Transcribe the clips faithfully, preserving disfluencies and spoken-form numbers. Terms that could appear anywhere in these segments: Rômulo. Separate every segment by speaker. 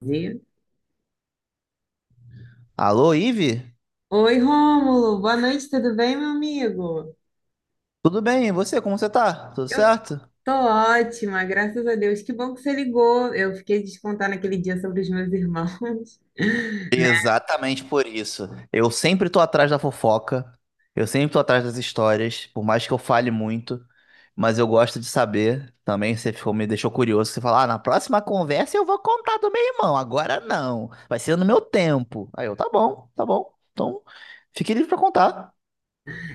Speaker 1: Viu?
Speaker 2: Alô, Ive?
Speaker 1: Oi, Rômulo, boa noite, tudo bem, meu amigo?
Speaker 2: Tudo bem? E você? Como você tá? Tudo
Speaker 1: Eu
Speaker 2: certo?
Speaker 1: tô ótima, graças a Deus. Que bom que você ligou. Eu fiquei de te contar naquele dia sobre os meus irmãos, né?
Speaker 2: Exatamente por isso. Eu sempre tô atrás da fofoca, eu sempre tô atrás das histórias, por mais que eu fale muito, mas eu gosto de saber. Também você ficou, me deixou curioso, você fala, ah, na próxima conversa eu vou contar do meu irmão, agora não, vai ser no meu tempo. Aí eu, tá bom, tá bom, então fique livre pra contar.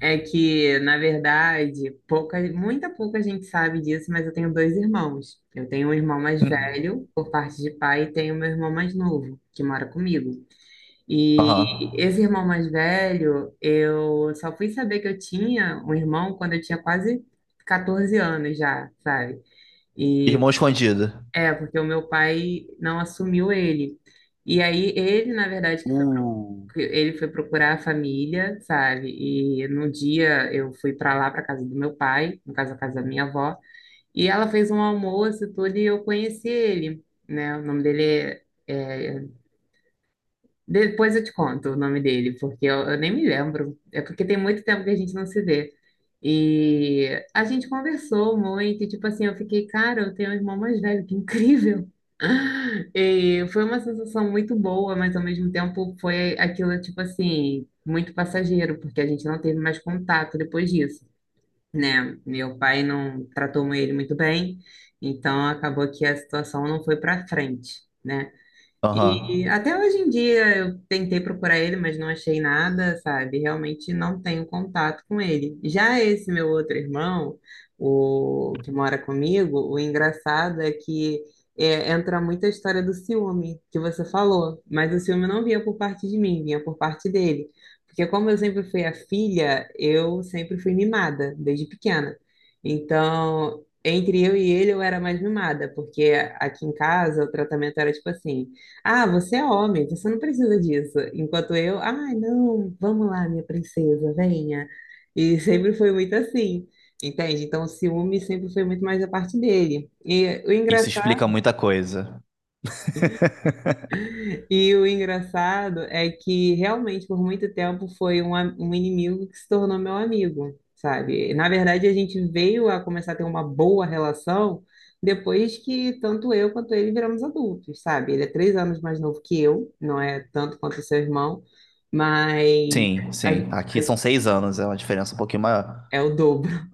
Speaker 1: É que, na verdade, pouca, muita pouca gente sabe disso, mas eu tenho dois irmãos. Eu tenho um irmão mais
Speaker 2: Hum.
Speaker 1: velho, por parte de pai, e tenho meu irmão mais novo, que mora comigo. E
Speaker 2: Aham.
Speaker 1: esse irmão mais velho, eu só fui saber que eu tinha um irmão quando eu tinha quase quatorze anos já, sabe? E
Speaker 2: Irmão escondido.
Speaker 1: é, porque o meu pai não assumiu ele. E aí ele, na verdade, que foi-
Speaker 2: Uh.
Speaker 1: que ele foi procurar a família, sabe? E no dia eu fui para lá, para casa do meu pai, no caso, a casa da minha avó, e ela fez um almoço e tudo, e eu conheci ele, né? O nome dele é é Depois eu te conto o nome dele, porque eu, eu nem me lembro. É porque tem muito tempo que a gente não se vê. E a gente conversou muito, e, tipo assim, eu fiquei, cara, eu tenho um irmão mais velho, que incrível. E foi uma sensação muito boa, mas ao mesmo tempo foi aquilo, tipo assim, muito passageiro, porque a gente não teve mais contato depois disso, né? Meu pai não tratou ele muito bem, então acabou que a situação não foi para frente, né?
Speaker 2: Aham.
Speaker 1: E até hoje em dia eu tentei procurar ele, mas não achei nada, sabe? Realmente não tenho contato com ele. Já esse meu outro irmão, o que mora comigo, o engraçado é que é, entra muito a história do ciúme que você falou, mas o ciúme não vinha por parte de mim, vinha por parte dele. Porque como eu sempre fui a filha, eu sempre fui mimada desde pequena. Então, entre eu e ele, eu era mais mimada, porque aqui em casa o tratamento era tipo assim, ah, você é homem, você não precisa disso. Enquanto eu, ai, não, vamos lá, minha princesa, venha. E sempre foi muito assim, entende? Então, o ciúme sempre foi muito mais a parte dele. E o
Speaker 2: Isso
Speaker 1: engraçado
Speaker 2: explica muita coisa.
Speaker 1: E o engraçado é que realmente por muito tempo foi um, a- um inimigo que se tornou meu amigo, sabe? Na verdade, a gente veio a começar a ter uma boa relação depois que tanto eu quanto ele viramos adultos, sabe? Ele é três anos mais novo que eu, não é tanto quanto seu irmão, mas
Speaker 2: Sim,
Speaker 1: a
Speaker 2: sim.
Speaker 1: gen-
Speaker 2: Aqui são seis anos, é uma diferença um pouquinho maior.
Speaker 1: é o dobro.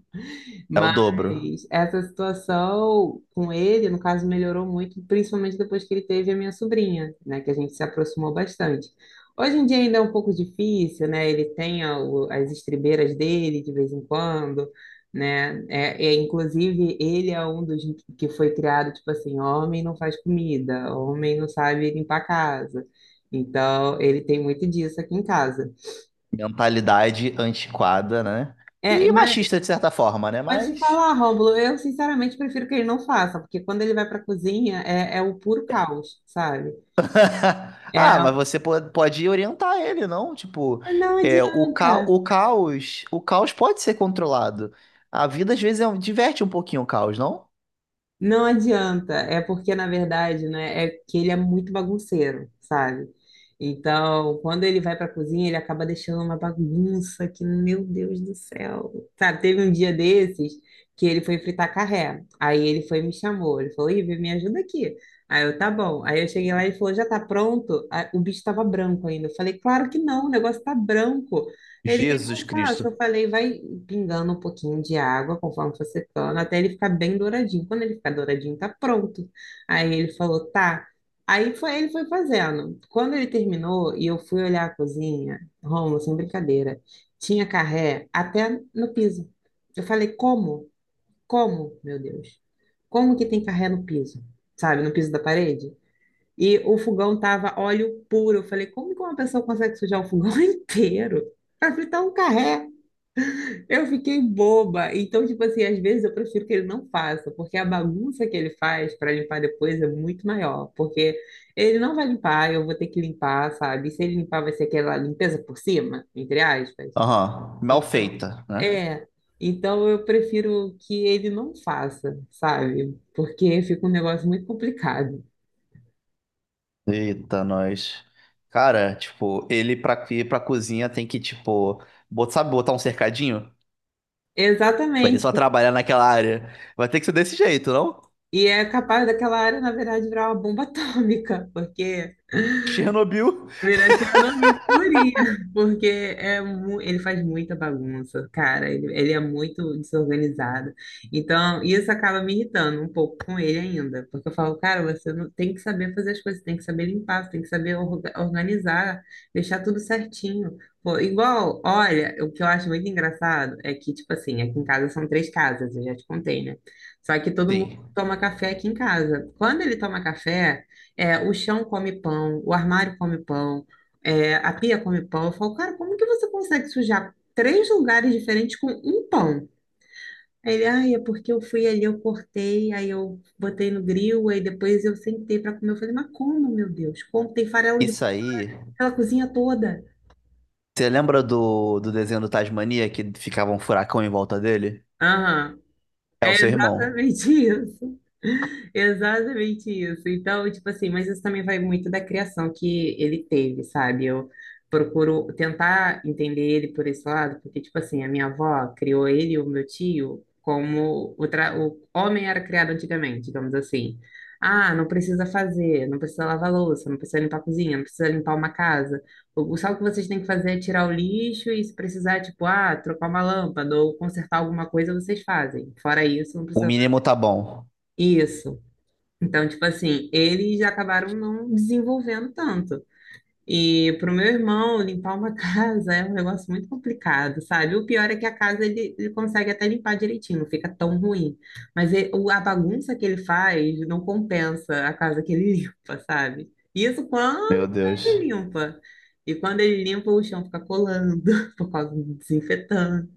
Speaker 2: É o dobro.
Speaker 1: Mas essa situação com ele, no caso, melhorou muito, principalmente depois que ele teve a minha sobrinha, né, que a gente se aproximou bastante. Hoje em dia ainda é um pouco difícil, né? Ele tem a- o- as estribeiras dele de vez em quando, né? É, é, inclusive, ele é um dos que foi criado, tipo assim, homem não faz comida, homem não sabe limpar a casa. Então, ele tem muito disso aqui em casa.
Speaker 2: Mentalidade antiquada, né?
Speaker 1: É,
Speaker 2: E
Speaker 1: mas
Speaker 2: machista, de certa forma, né?
Speaker 1: Mas te
Speaker 2: Mas.
Speaker 1: falar, Rômulo, eu sinceramente prefiro que ele não faça, porque quando ele vai para a cozinha é, é o puro caos, sabe?
Speaker 2: Ah,
Speaker 1: É,
Speaker 2: mas você po- pode orientar ele, não? Tipo,
Speaker 1: não
Speaker 2: é, o, ca...
Speaker 1: adianta.
Speaker 2: o caos, o caos pode ser controlado. A vida às vezes é um- diverte um pouquinho o caos, não?
Speaker 1: Não adianta, é porque na verdade, né, é que ele é muito bagunceiro, sabe? Então, quando ele vai para a cozinha, ele acaba deixando uma bagunça que, meu Deus do céu. Sabe, teve um dia desses que ele foi fritar carré. Aí ele foi e me chamou, ele falou: "Ivy, me ajuda aqui". Aí eu, tá bom. Aí eu cheguei lá e ele falou: "Já tá pronto?". Aí o bicho estava branco ainda. Eu falei: "Claro que não, o negócio tá branco". Ele,
Speaker 2: Jesus
Speaker 1: eu faço,
Speaker 2: Cristo.
Speaker 1: eu falei, vai pingando um pouquinho de água conforme for secando, até ele ficar bem douradinho. Quando ele ficar douradinho, tá pronto. Aí ele falou, tá. Aí foi, ele foi fazendo. Quando ele terminou e eu fui olhar a cozinha, Rômulo, sem brincadeira, tinha carré até no piso. Eu falei, como? Como, meu Deus? Como que tem carré no piso? Sabe, no piso da parede? E o fogão tava óleo puro. Eu falei, como que uma pessoa consegue sujar o fogão inteiro? Para fritar um carré. Eu fiquei boba. Então, tipo assim, às vezes eu prefiro que ele não faça, porque a bagunça que ele faz para limpar depois é muito maior, porque ele não vai limpar, eu vou ter que limpar, sabe? E se ele limpar, vai ser aquela limpeza por cima, entre aspas.
Speaker 2: Aham, mal
Speaker 1: Então,
Speaker 2: feita, né?
Speaker 1: é. Então eu prefiro que ele não faça, sabe? Porque fica um negócio muito complicado.
Speaker 2: Eita, nós. Cara, tipo, ele pra ir pra cozinha tem que, tipo, bot- sabe botar um cercadinho? Pra ele só
Speaker 1: Exatamente.
Speaker 2: trabalhar naquela área. Vai ter que ser desse jeito, não?
Speaker 1: E é capaz daquela área, na verdade, virar uma bomba atômica, porque
Speaker 2: Chernobyl.
Speaker 1: Viratina não viu purinha, porque é mu- ele faz muita bagunça, cara. Ele, ele é muito desorganizado. Então, isso acaba me irritando um pouco com ele ainda, porque eu falo, cara, você não tem que saber fazer as coisas, tem que saber limpar, você tem que saber orga- organizar, deixar tudo certinho. Pô, igual, olha, o que eu acho muito engraçado é que, tipo assim, aqui em casa são três casas, eu já te contei, né? Só que todo mundo
Speaker 2: Sim.
Speaker 1: toma café aqui em casa. Quando ele toma café. É, o chão come pão, o armário come pão, é, a pia come pão. Eu falo, cara, como que você consegue sujar três lugares diferentes com um pão? Aí ele, ai, é porque eu fui ali, eu cortei, aí eu botei no grill, aí depois eu sentei para comer. Eu falei, mas como, meu Deus? Como tem farelo de
Speaker 2: Isso
Speaker 1: pão
Speaker 2: aí.
Speaker 1: pela cozinha toda?
Speaker 2: Você lembra do, do desenho do Tasmania que ficava um furacão em volta dele?
Speaker 1: Aham.
Speaker 2: É o
Speaker 1: É
Speaker 2: seu irmão.
Speaker 1: exatamente isso. Exatamente isso. Então, tipo assim, mas isso também vai muito da criação que ele teve, sabe? Eu procuro tentar entender ele por esse lado, porque, tipo assim, a minha avó criou ele e o meu tio como o, tra- o homem era criado antigamente, digamos assim. Ah, não precisa fazer, não precisa lavar louça, não precisa limpar a cozinha, não precisa limpar uma casa. O, o- só o que vocês têm que fazer é tirar o lixo e se precisar, tipo, ah, trocar uma lâmpada ou consertar alguma coisa, vocês fazem. Fora isso, não
Speaker 2: O
Speaker 1: precisa.
Speaker 2: mínimo tá bom.
Speaker 1: Isso. Então, tipo assim, eles acabaram não desenvolvendo tanto. E para o meu irmão, limpar uma casa é um negócio muito complicado, sabe? O pior é que a casa ele, ele consegue até limpar direitinho, não fica tão ruim. Mas ele- o- a bagunça que ele faz não compensa a casa que ele limpa, sabe? Isso quando
Speaker 2: Meu Deus.
Speaker 1: ele limpa. E quando ele limpa, o chão fica colando por causa do desinfetante.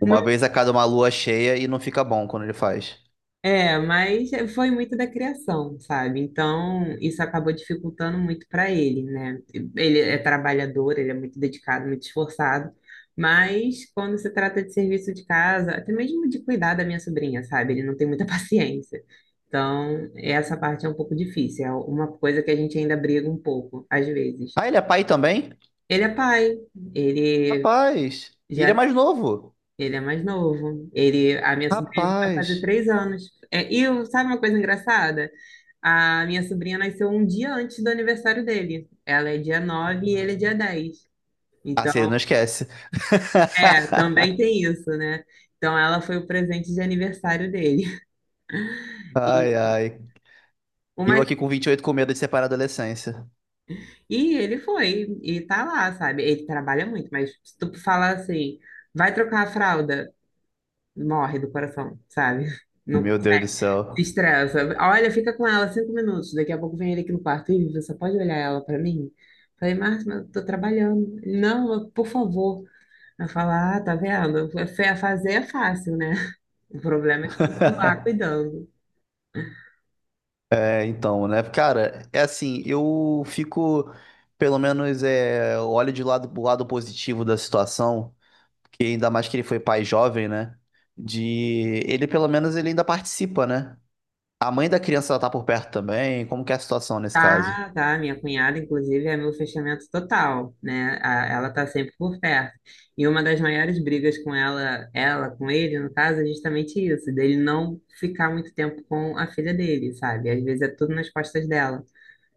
Speaker 2: Uma vez a cada uma lua cheia e não fica bom quando ele faz.
Speaker 1: É, mas foi muito da criação, sabe? Então, isso acabou dificultando muito para ele, né? Ele é trabalhador, ele é muito dedicado, muito esforçado, mas quando se trata de serviço de casa, até mesmo de cuidar da minha sobrinha, sabe? Ele não tem muita paciência. Então, essa parte é um pouco difícil, é uma coisa que a gente ainda briga um pouco, às vezes.
Speaker 2: Ah, ele é pai também?
Speaker 1: Ele é pai, ele
Speaker 2: Rapaz. E ele é
Speaker 1: já
Speaker 2: mais novo.
Speaker 1: ele é mais novo. Ele, a minha sobrinha vai fazer
Speaker 2: Rapaz.
Speaker 1: três anos. É, e eu- sabe uma coisa engraçada? A minha sobrinha nasceu um dia antes do aniversário dele. Ela é dia nove e ele é dia dez.
Speaker 2: Ah,
Speaker 1: Então,
Speaker 2: se ele não esquece.
Speaker 1: é, também tem isso, né? Então, ela foi o presente de aniversário dele.
Speaker 2: Ai,
Speaker 1: E,
Speaker 2: ai.
Speaker 1: o
Speaker 2: E eu
Speaker 1: mais-
Speaker 2: aqui com vinte e oito com medo de separar a adolescência.
Speaker 1: e ele foi, e tá lá, sabe? Ele trabalha muito, mas se tu falar assim, vai trocar a fralda, morre do coração, sabe? Não
Speaker 2: Meu Deus do céu.
Speaker 1: estressa. Olha, fica com ela cinco minutos. Daqui a pouco vem ele aqui no quarto. Ih, você pode olhar ela pra mim? Falei, Márcio, mas eu tô trabalhando. Ele, Não, eu- por favor. Ela fala, ah, tá vendo? Fa- Fazer é fácil, né? O problema é continuar cuidando.
Speaker 2: É, então, né? Cara, é assim, eu fico, pelo menos, é, olho de lado, o lado positivo da situação, que ainda mais que ele foi pai jovem, né? De ele, pelo menos, ele ainda participa, né? A mãe da criança ela tá por perto também. Como que é a situação nesse caso?
Speaker 1: Tá, tá. Minha cunhada, inclusive, é meu fechamento total, né? A- Ela tá sempre por perto. E uma das maiores brigas com ela, ela com ele, no caso, é justamente isso, dele não ficar muito tempo com a filha dele, sabe? Às vezes é tudo nas costas dela.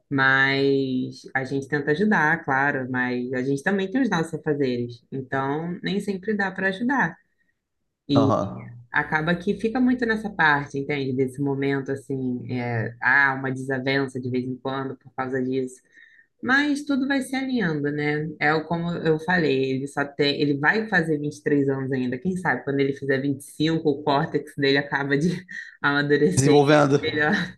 Speaker 1: Mas a gente tenta ajudar, claro, mas a gente também tem os nossos afazeres. Então, nem sempre dá para ajudar.
Speaker 2: Aham.
Speaker 1: Acaba que fica muito nessa parte, entende? Desse momento, assim, é, há uma desavença de vez em quando por causa disso. Mas tudo vai se alinhando, né? É o- como eu falei, ele só tem, ele vai fazer vinte e três anos ainda. Quem sabe quando ele fizer vinte e cinco o córtex dele acaba de amadurecer
Speaker 2: Desenvolvendo.
Speaker 1: melhor.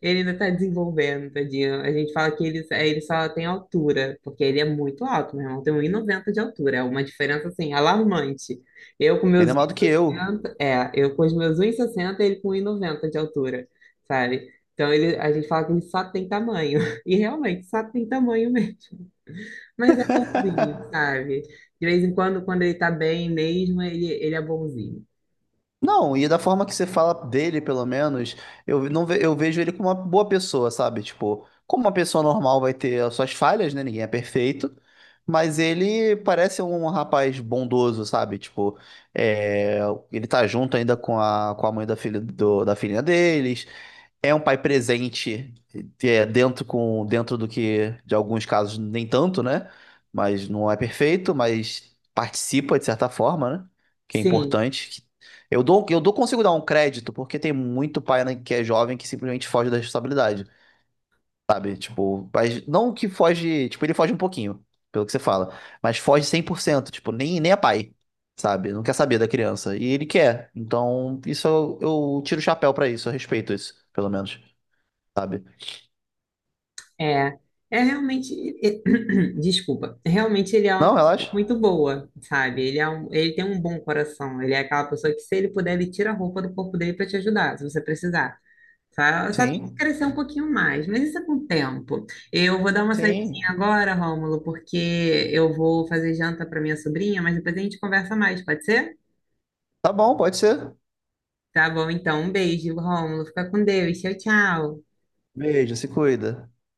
Speaker 1: Ele ainda está desenvolvendo, tadinho. A gente fala que ele, ele só tem altura, porque ele é muito alto, meu irmão. Tem um 1,90 de altura. É uma diferença, assim, alarmante. Eu com meus
Speaker 2: Ainda mais do que eu.
Speaker 1: 1,60, é, eu com os meus um e sessenta, ele com um e noventa de altura, sabe? Então ele, a gente fala que ele só tem tamanho. E realmente, só tem tamanho mesmo. Mas é bonzinho, sabe? De vez em quando, quando ele tá bem mesmo, ele, ele é bonzinho.
Speaker 2: Não, e da forma que você fala dele, pelo menos, eu não ve- eu vejo ele como uma boa pessoa, sabe? Tipo, como uma pessoa normal vai ter as suas falhas, né? Ninguém é perfeito, mas ele parece um rapaz bondoso, sabe? Tipo, é, ele tá junto ainda com a, com a mãe da filha do- da filhinha deles, é um pai presente, é, dentro com dentro do que, de alguns casos, nem tanto, né? Mas não é perfeito, mas participa de certa forma, né? Que é
Speaker 1: Sim,
Speaker 2: importante. Que- Eu dou, eu dou, consigo dar um crédito, porque tem muito pai, né, que é jovem que simplesmente foge da responsabilidade, sabe? Tipo, mas não que foge, tipo, ele foge um pouquinho, pelo que você fala, mas foge cem por cento, tipo, nem, nem é pai, sabe? Não quer saber da criança, e ele quer. Então, isso eu, eu tiro o chapéu pra isso, eu respeito isso, pelo menos sabe?
Speaker 1: É, é realmente, e- desculpa, realmente ele é uma
Speaker 2: Não,
Speaker 1: pessoa
Speaker 2: relaxa.
Speaker 1: muito boa, sabe? Ele é um, ele tem um bom coração, ele é aquela pessoa que se ele puder, ele tira a roupa do corpo dele para te ajudar, se você precisar. Só, só tem que
Speaker 2: Sim,
Speaker 1: crescer um pouquinho mais, mas isso é com o tempo. Eu vou dar uma saidinha
Speaker 2: sim.
Speaker 1: agora, Rômulo, porque eu vou fazer janta para minha sobrinha, mas depois a gente conversa mais, pode ser?
Speaker 2: Tá bom, pode ser.
Speaker 1: Tá bom, então, um beijo, Rômulo, fica com Deus, tchau, tchau.
Speaker 2: Beijo, se cuida.